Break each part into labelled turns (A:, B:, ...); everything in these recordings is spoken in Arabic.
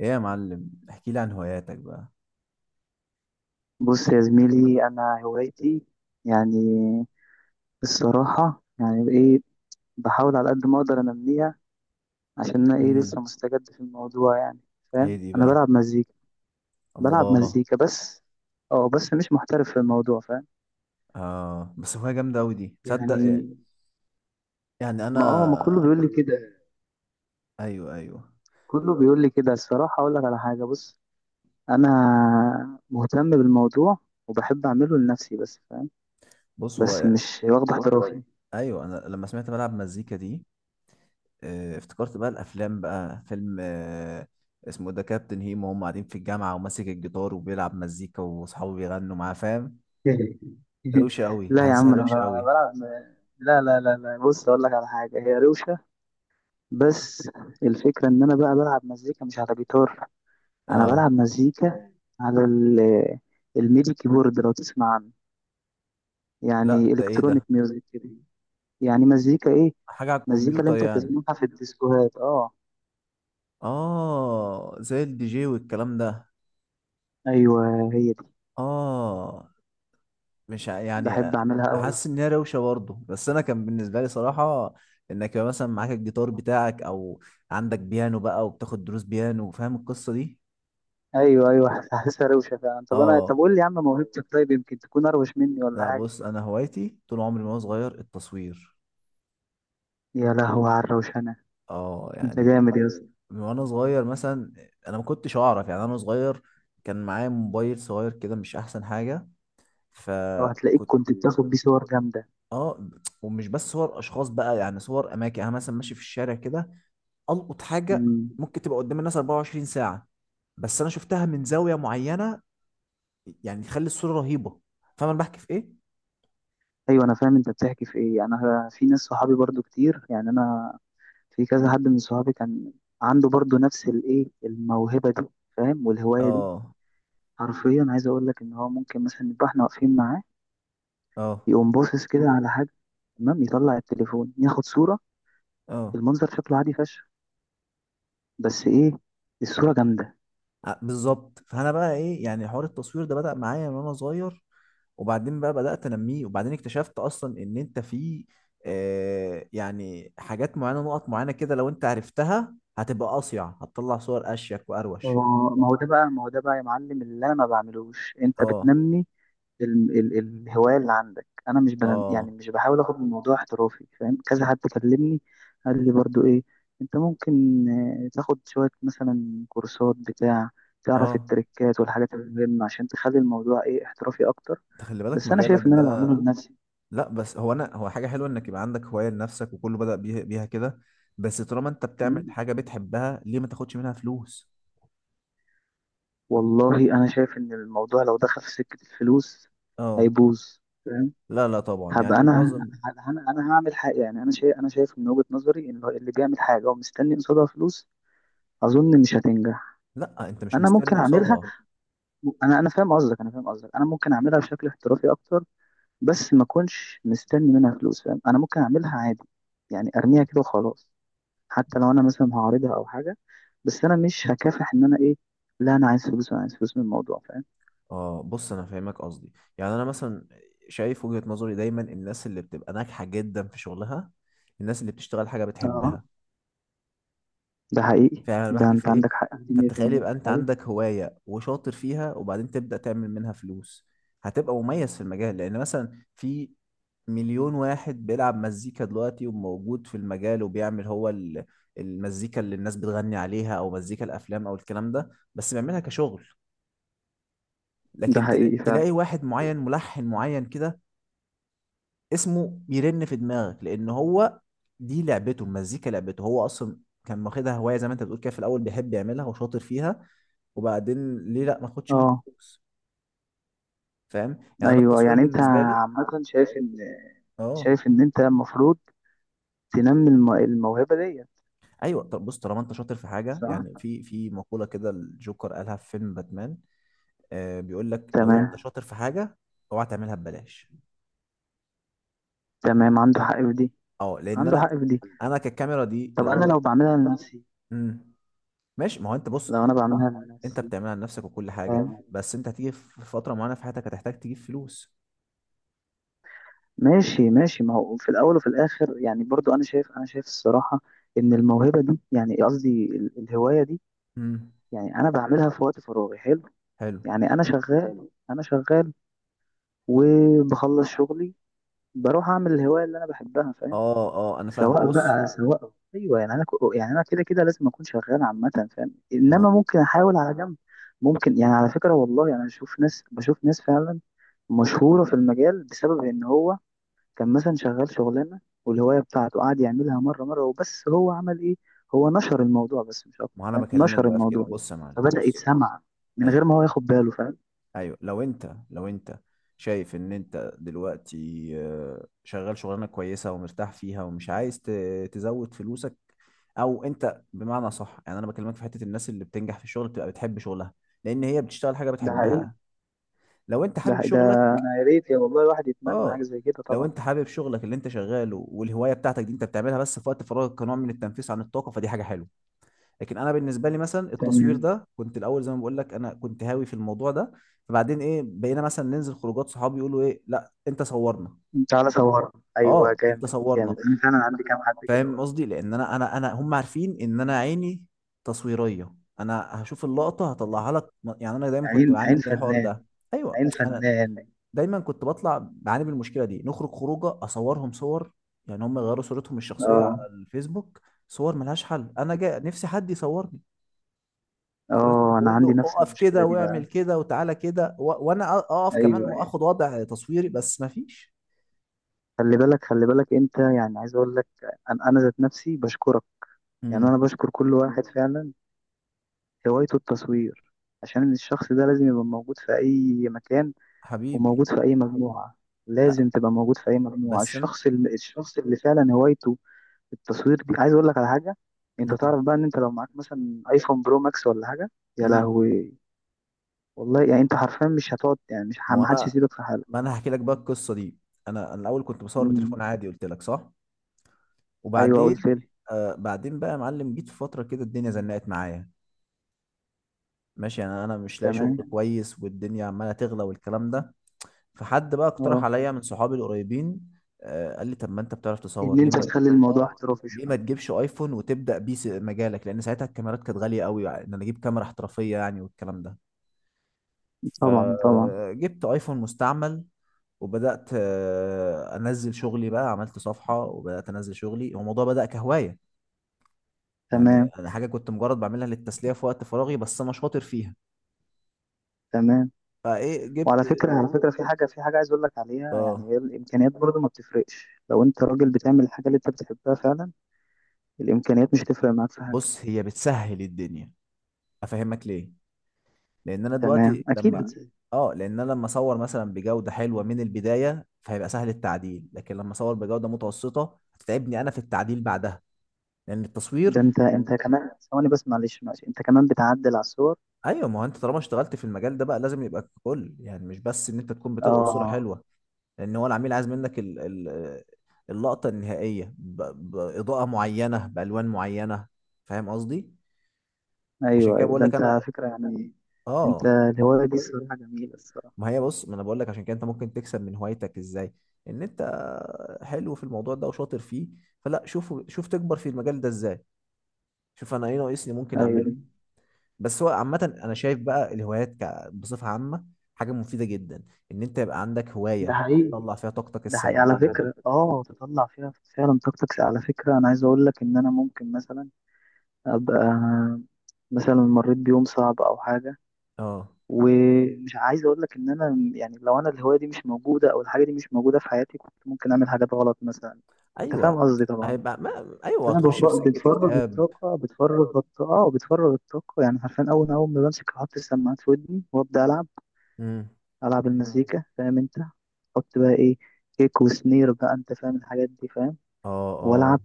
A: ايه يا معلم، احكي لي عن هواياتك بقى.
B: بص يا زميلي، انا هوايتي يعني الصراحه يعني ايه؟ بحاول على قد ما اقدر انميها عشان انا ايه
A: امم
B: لسه مستجد في الموضوع يعني،
A: ايه
B: فاهم؟
A: دي
B: انا
A: بقى؟
B: بلعب مزيكا بلعب
A: الله.
B: مزيكا بس. اه بس مش محترف في الموضوع، فاهم؟
A: اه، بس هواية جامدة اوي دي، تصدق إيه؟
B: يعني
A: يعني
B: ما كله
A: انا.
B: بيقول لي كده.
A: ايوه، ايوه.
B: كله بيقول لي كده الصراحه. اقول لك على حاجه، بص، انا مهتم بالموضوع وبحب اعمله لنفسي بس، فاهم؟
A: بص،
B: بس
A: هو.
B: مش واخد احترافي.
A: ايوه، انا لما سمعت بلعب مزيكا دي، افتكرت بقى الافلام، بقى فيلم، اسمه ده كابتن هيما، وهم قاعدين في الجامعة وماسك الجيتار وبيلعب مزيكا واصحابه بيغنوا معاه، فاهم. روشة اوي،
B: لا يا
A: حاسسها
B: عم، انا
A: روشة اوي.
B: بلعب. لا لا لا لا، بص اقول لك على حاجه، هي روشه بس. الفكره ان انا بقى بلعب مزيكا مش على جيتار. انا
A: اه.
B: بلعب مزيكا على الميدي كيبورد، لو تسمع عنه،
A: لا،
B: يعني
A: ده ايه
B: الكترونيك
A: ده؟
B: ميوزك كده. يعني مزيكا ايه؟
A: حاجة على
B: مزيكا اللي
A: الكمبيوتر
B: انت
A: يعني؟
B: بتسمعها في الديسكوهات. اه،
A: اه، زي الدي جي والكلام ده.
B: ايوه هي دي.
A: اه، مش يعني.
B: بحب اعملها قوي.
A: حاسس ان هي روشه برضه، بس انا كان بالنسبه لي صراحه، انك يبقى مثلا معاك الجيتار بتاعك او عندك بيانو بقى وبتاخد دروس بيانو، فاهم القصه دي.
B: ايوه ايوه حاسسها روشه فعلا. طب انا، طب
A: اه.
B: قول لي يا عم، موهبتك طيب يمكن تكون اروش مني ولا
A: لا،
B: حاجه؟
A: بص، انا هوايتي طول عمري من وانا صغير التصوير.
B: يا لهوي على الروشنه،
A: اه،
B: انت
A: يعني
B: جامد.
A: من وانا صغير مثلا. انا ما كنتش اعرف، يعني انا صغير، كان معايا موبايل صغير كده مش احسن حاجه.
B: اه، هتلاقيك
A: فكنت.
B: كنت بتاخد بيه صور جامدة.
A: اه. ومش بس صور اشخاص بقى، يعني صور اماكن، يعني انا مثلا ماشي في الشارع كده، القط حاجه
B: مم.
A: ممكن تبقى قدام الناس 24 ساعه، بس انا شفتها من زاويه معينه يعني تخلي الصوره رهيبه. فاهم انا بحكي في ايه.
B: ايوه، انا فاهم انت بتحكي في ايه، يعني انا في ناس صحابي برضو كتير، يعني انا في كذا حد من صحابي كان عنده برضو نفس الايه الموهبة دي، فاهم؟ والهواية دي
A: اه،
B: حرفيا عايز اقول لك ان هو ممكن مثلا نبقى احنا واقفين معاه،
A: اه،
B: يقوم باصص كده على حاجة، تمام، يطلع التليفون ياخد صورة.
A: اه.
B: المنظر شكله عادي فشخ، بس ايه، الصورة جامدة.
A: بالظبط. فانا بقى ايه، يعني حوار التصوير ده بدأ معايا من وانا صغير. وبعدين بقى بدأت انميه، وبعدين اكتشفت اصلا ان انت في، يعني حاجات معينه، نقط معينه كده لو انت عرفتها هتبقى اصيع، هتطلع صور اشيك
B: ما
A: واروش.
B: هو ما هو ده بقى، ما هو ده بقى يا معلم، اللي انا ما بعملوش انت
A: اه،
B: بتنمي ال ال الهواية اللي عندك. أنا مش بن
A: اه،
B: يعني مش بحاول آخد الموضوع احترافي، فاهم؟ كذا حد كلمني قال لي برضو إيه؟ أنت ممكن تاخد شوية مثلا كورسات بتاع تعرف
A: اه.
B: التريكات والحاجات المهمة عشان تخلي الموضوع إيه احترافي أكتر.
A: انت خلي بالك
B: بس أنا
A: مجالك
B: شايف إن أنا
A: ده.
B: بعمله لنفسي.
A: لا، بس هو، انا، هو حاجه حلوه انك يبقى عندك هوايه لنفسك، وكله بدأ بيها كده. بس طالما انت بتعمل
B: م?
A: حاجه بتحبها، ليه ما تاخدش منها فلوس؟
B: والله أنا شايف إن الموضوع لو دخل في سكة الفلوس
A: اه.
B: هيبوظ، فاهم؟
A: لا، لا، طبعا، يعني
B: هبقى انا
A: معظم.
B: انا انا هعمل حاجه. يعني انا شايف، من وجهه نظري ان اللي بيعمل حاجه ومستني قصادها فلوس اظن مش هتنجح.
A: لا، انت مش
B: انا ممكن
A: مستني
B: اعملها.
A: قصادها.
B: انا فاهم قصدك، انا ممكن اعملها بشكل احترافي اكتر، بس ما اكونش مستني منها فلوس، فاهم؟ انا ممكن اعملها عادي، يعني ارميها كده وخلاص. حتى لو انا مثلا هعرضها او حاجه، بس انا مش هكافح ان انا ايه، لا انا عايز فلوس، انا عايز فلوس من الموضوع، فاهم؟
A: اه، بص انا فاهمك قصدي. يعني انا مثلا شايف وجهة نظري، دايما الناس اللي بتبقى ناجحه جدا في شغلها، الناس اللي بتشتغل حاجه
B: اه،
A: بتحبها.
B: ده حقيقي.
A: فاهم انا
B: ده
A: بحكي في
B: انت
A: ايه.
B: عندك حق فيه مية في
A: فتخيل
B: 100%.
A: يبقى انت
B: ايوه
A: عندك هوايه وشاطر فيها، وبعدين تبدأ تعمل منها فلوس، هتبقى مميز في المجال. لان مثلا في مليون واحد بيلعب مزيكا دلوقتي وموجود في المجال، وبيعمل هو المزيكا اللي الناس بتغني عليها او مزيكا الافلام او الكلام ده، بس بيعملها كشغل.
B: ده
A: لكن
B: حقيقي فعلا.
A: تلاقي واحد معين، ملحن معين كده، اسمه بيرن في دماغك. لان هو دي لعبته، المزيكا لعبته هو اصلا، كان واخدها هواية زي ما انت بتقول كده، في الاول بيحب يعملها وشاطر فيها، وبعدين ليه لا ما اخدش منها
B: اه
A: فلوس. فاهم، يعني انا
B: ايوه،
A: التصوير
B: يعني انت
A: بالنسبة لي.
B: عامه شايف ان،
A: اه.
B: انت المفروض تنمي الموهبه دي.
A: ايوه، طب بص، طالما انت شاطر في حاجه،
B: صح.
A: يعني في مقوله كده الجوكر قالها في فيلم باتمان، بيقول لك لو انت
B: تمام
A: شاطر في حاجه، اوعى تعملها ببلاش.
B: تمام، عنده حق في دي،
A: اه، لان
B: عنده
A: انا،
B: حق في دي.
A: انا كالكاميرا دي
B: طب انا
A: الاول. امم ماشي، ما هو انت بص،
B: لو انا بعملها
A: انت
B: لنفسي،
A: بتعملها لنفسك وكل حاجه،
B: فاهم؟
A: بس انت هتيجي في فتره معينه في حياتك هتحتاج تجيب فلوس.
B: ماشي ماشي، ما هو في الاول وفي الاخر يعني، برضو انا شايف، الصراحه ان الموهبه دي، يعني قصدي الهوايه دي،
A: امم
B: يعني انا بعملها في وقت فراغي حلو.
A: حلو.
B: يعني انا شغال وبخلص شغلي بروح اعمل الهوايه اللي انا بحبها، فاهم؟
A: اه، اه، انا فاهم
B: سواء
A: بص.
B: بقى سواء، ايوه يعني انا يعني انا كده كده لازم اكون شغال عامه، فاهم؟
A: ما
B: انما ممكن احاول على جنب. ممكن يعني، على فكره والله يعني اشوف ناس بشوف ناس فعلا مشهوره في المجال بسبب ان هو كان مثلا شغال شغلانه والهوايه بتاعته قعد يعملها مره مره، وبس هو عمل ايه؟ هو نشر الموضوع بس مش اكتر،
A: ما انا
B: فاهم؟
A: بكلمك
B: نشر
A: بقى في كده،
B: الموضوع
A: بص يا معلم
B: فبدا
A: بص.
B: يتسمع من
A: ايوه،
B: غير ما هو ياخد باله، فاهم؟
A: ايوه، لو انت شايف ان انت دلوقتي شغال شغلانه كويسه ومرتاح فيها ومش عايز تزود فلوسك. او انت بمعنى صح، يعني انا بكلمك في حته الناس اللي بتنجح في الشغل بتبقى بتحب شغلها، لان هي بتشتغل حاجه
B: ده حقيقي،
A: بتحبها. لو انت
B: ده
A: حابب
B: حقيقي. ده
A: شغلك.
B: انا يا ريت، يا والله الواحد يتمنى
A: اه.
B: حاجه زي كده.
A: لو انت حابب شغلك اللي انت شغاله، والهوايه بتاعتك دي انت بتعملها بس في وقت فراغك كنوع من التنفيس عن الطاقه، فدي حاجه حلوه. لكن انا بالنسبه لي مثلا التصوير
B: طبعا.
A: ده كنت الاول، زي ما بقول لك، انا كنت هاوي في الموضوع ده. فبعدين ايه بقينا مثلا ننزل خروجات، صحابي يقولوا ايه، لا انت صورنا.
B: تعالى صور، ايوه
A: اه، انت
B: جامد
A: صورنا.
B: جامد. انا فعلا عندي كام حد كده
A: فاهم
B: برضه.
A: قصدي، لان انا انا هم عارفين ان انا عيني تصويريه، انا هشوف اللقطه هطلعها لك. يعني انا دايما كنت
B: عين
A: بعاني
B: عين
A: من الحوار ده.
B: فنان،
A: ايوه،
B: عين
A: انا
B: فنان.
A: دايما كنت بطلع بعاني من المشكله دي، نخرج خروجه اصورهم صور، يعني هم يغيروا صورتهم الشخصيه على
B: اه.
A: الفيسبوك. صور ملهاش حل، انا جاي نفسي حد يصور. لدرجة إني
B: اه انا
A: بقول
B: عندي
A: له
B: نفس
A: اقف
B: المشكله
A: كده،
B: دي
A: واعمل
B: بقى.
A: كده، وتعالى كده و... وانا اقف كمان
B: ايوه ايوه،
A: واخد وضع تصويري، بس ما فيش.
B: خلي بالك، خلي بالك انت، يعني عايز اقول لك، انا ذات نفسي بشكرك. يعني انا
A: امم
B: بشكر كل واحد فعلا هوايته التصوير عشان الشخص ده لازم يبقى موجود في اي مكان
A: حبيبي.
B: وموجود في اي مجموعه.
A: لا،
B: لازم تبقى موجود في اي مجموعه.
A: بس انا.
B: الشخص اللي فعلا هوايته التصوير دي. عايز اقول لك على حاجه، انت
A: امم
B: تعرف بقى ان انت لو معاك مثلا ايفون برو ماكس ولا حاجه، يا
A: امم
B: لهوي، والله يعني انت حرفيا مش هتقعد، يعني مش
A: ما هو
B: محدش
A: انا،
B: يسيبك في
A: ما
B: حالك.
A: انا هحكي لك بقى القصه دي. انا الاول كنت بصور
B: مم.
A: بتليفون عادي قلت لك صح.
B: ايوه قلت
A: وبعدين،
B: لي.
A: بعدين بقى يا معلم جيت في فتره كده الدنيا زنقت معايا، ماشي، انا مش لاقي شغل
B: تمام.
A: كويس، والدنيا عماله تغلى والكلام ده. فحد بقى اقترح
B: اه،
A: عليا من صحابي القريبين، قال لي طب ما انت بتعرف تصور،
B: ان
A: ليه
B: انت
A: ما.
B: تخلي الموضوع
A: اه،
B: احترافي
A: ليه ما
B: شويه.
A: تجيبش ايفون وتبدا بيه مجالك، لان ساعتها الكاميرات كانت غاليه قوي، يعني ان انا اجيب كاميرا احترافيه يعني، والكلام ده.
B: طبعا طبعا.
A: فجبت ايفون مستعمل وبدات، انزل شغلي بقى، عملت صفحه وبدات انزل شغلي. هو الموضوع بدا كهوايه، يعني
B: تمام
A: انا حاجه كنت مجرد بعملها للتسليه في وقت فراغي، بس انا شاطر فيها.
B: تمام.
A: فايه
B: وعلى
A: جبت.
B: فكره على فكره في حاجه عايز اقول لك عليها، يعني
A: اه،
B: هي الامكانيات برضو ما بتفرقش. لو انت راجل بتعمل الحاجه اللي انت بتحبها فعلا الامكانيات مش تفرق معاك في حاجه.
A: بص هي بتسهل الدنيا، افهمك ليه. لان انا
B: تمام
A: دلوقتي
B: اكيد.
A: لما، اه، لان انا لما اصور مثلا بجوده حلوه من البدايه، فهيبقى سهل التعديل. لكن لما اصور بجوده متوسطه هتتعبني انا في التعديل بعدها. لان التصوير،
B: ده انت كمان، ثواني بس، معلش معلش، انت كمان بتعدل على الصور.
A: ايوه ما هو انت طالما اشتغلت في المجال ده بقى لازم يبقى ككل، يعني مش بس ان انت تكون بتلقط صوره
B: اه
A: حلوه. لان هو العميل عايز منك ال... ال... اللقطه النهائيه ب... باضاءه معينه، بالوان معينه. فاهم قصدي. عشان
B: ايوه
A: كده
B: ايوه.
A: بقول
B: ده
A: لك
B: انت على
A: انا.
B: فكره يعني انت
A: اه.
B: الهوايه دي الصراحه جميله، الصراحه.
A: ما هي بص، ما انا بقول لك عشان كده انت ممكن تكسب من هوايتك ازاي. ان انت حلو في الموضوع ده وشاطر فيه، فلا، شوف شوف تكبر في المجال ده ازاي، شوف انا ايه ناقصني ممكن اعمله.
B: ايوه
A: بس هو عامة انا شايف بقى الهوايات بصفة عامة حاجة مفيدة جدا، ان انت يبقى عندك
B: ده
A: هواية
B: حقيقي،
A: بتطلع فيها طاقتك
B: ده حقيقي على
A: السلبية.
B: فكره. اه، تطلع فيها فعلا طاقتك. على فكره انا عايز اقول لك ان انا ممكن مثلا ابقى مثلا مريت بيوم صعب او حاجه،
A: اه،
B: ومش عايز اقول لك ان انا يعني لو انا الهوايه دي مش موجوده او الحاجه دي مش موجوده في حياتي كنت ممكن اعمل حاجات غلط مثلا. انت فاهم
A: ايوه،
B: قصدي طبعا.
A: هيبقى ما... ايوه،
B: انا
A: هتخش في سكة
B: بتفرغ
A: اكتئاب.
B: الطاقه، بتفرغ الطاقه، وبتفرغ الطاقه، يعني عارفين اول اول ما بمسك احط السماعات في ودني وابدا العب.
A: امم
B: العب المزيكا، فاهم انت؟ احط بقى ايه، كيك وسنير بقى، انت فاهم الحاجات دي، فاهم؟
A: اه،
B: والعب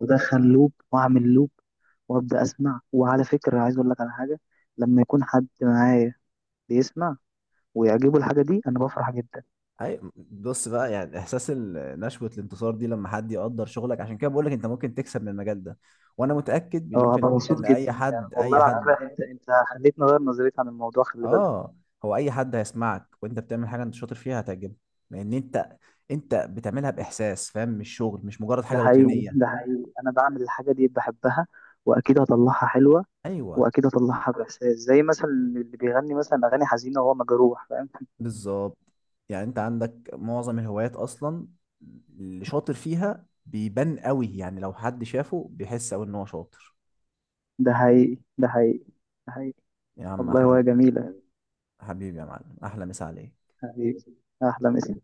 B: وادخل لوب واعمل لوب، وابدا اسمع. وعلى فكره عايز اقول لك على حاجه، لما يكون حد معايا بيسمع ويعجبه الحاجه دي انا بفرح جدا.
A: اي بص بقى، يعني احساس نشوة الانتصار دي لما حد يقدر شغلك، عشان كده بقول لك انت ممكن تكسب من المجال ده. وانا متأكد مليون
B: اه،
A: في
B: هبقى
A: المية
B: مبسوط
A: ان اي
B: جدا فعلا
A: حد،
B: والله.
A: اي
B: على
A: حد.
B: فكره انت خليتني اغير نظريتي عن الموضوع، خلي بالك.
A: اه. هو اي حد هيسمعك وانت بتعمل حاجة انت شاطر فيها هتعجبه، لان انت، انت بتعملها باحساس، فاهم، مش شغل، مش مجرد
B: ده
A: حاجة
B: حقيقي
A: روتينية.
B: ده حقيقي، انا بعمل الحاجه دي بحبها واكيد هطلعها حلوه،
A: ايوه،
B: واكيد هطلعها باحساس، زي مثلا اللي بيغني مثلا اغاني حزينه وهو مجروح، فاهم؟
A: بالظبط. يعني انت عندك معظم الهوايات اصلا اللي شاطر فيها بيبان قوي، يعني لو حد شافه بيحس قوي ان هو شاطر.
B: ده حقيقي ده حقيقي ده حقيقي.
A: يا عم،
B: والله
A: احلى.
B: وهي جميله.
A: حبيبي يا معلم، احلى مسا عليك.
B: حقيقي. احلى مسا.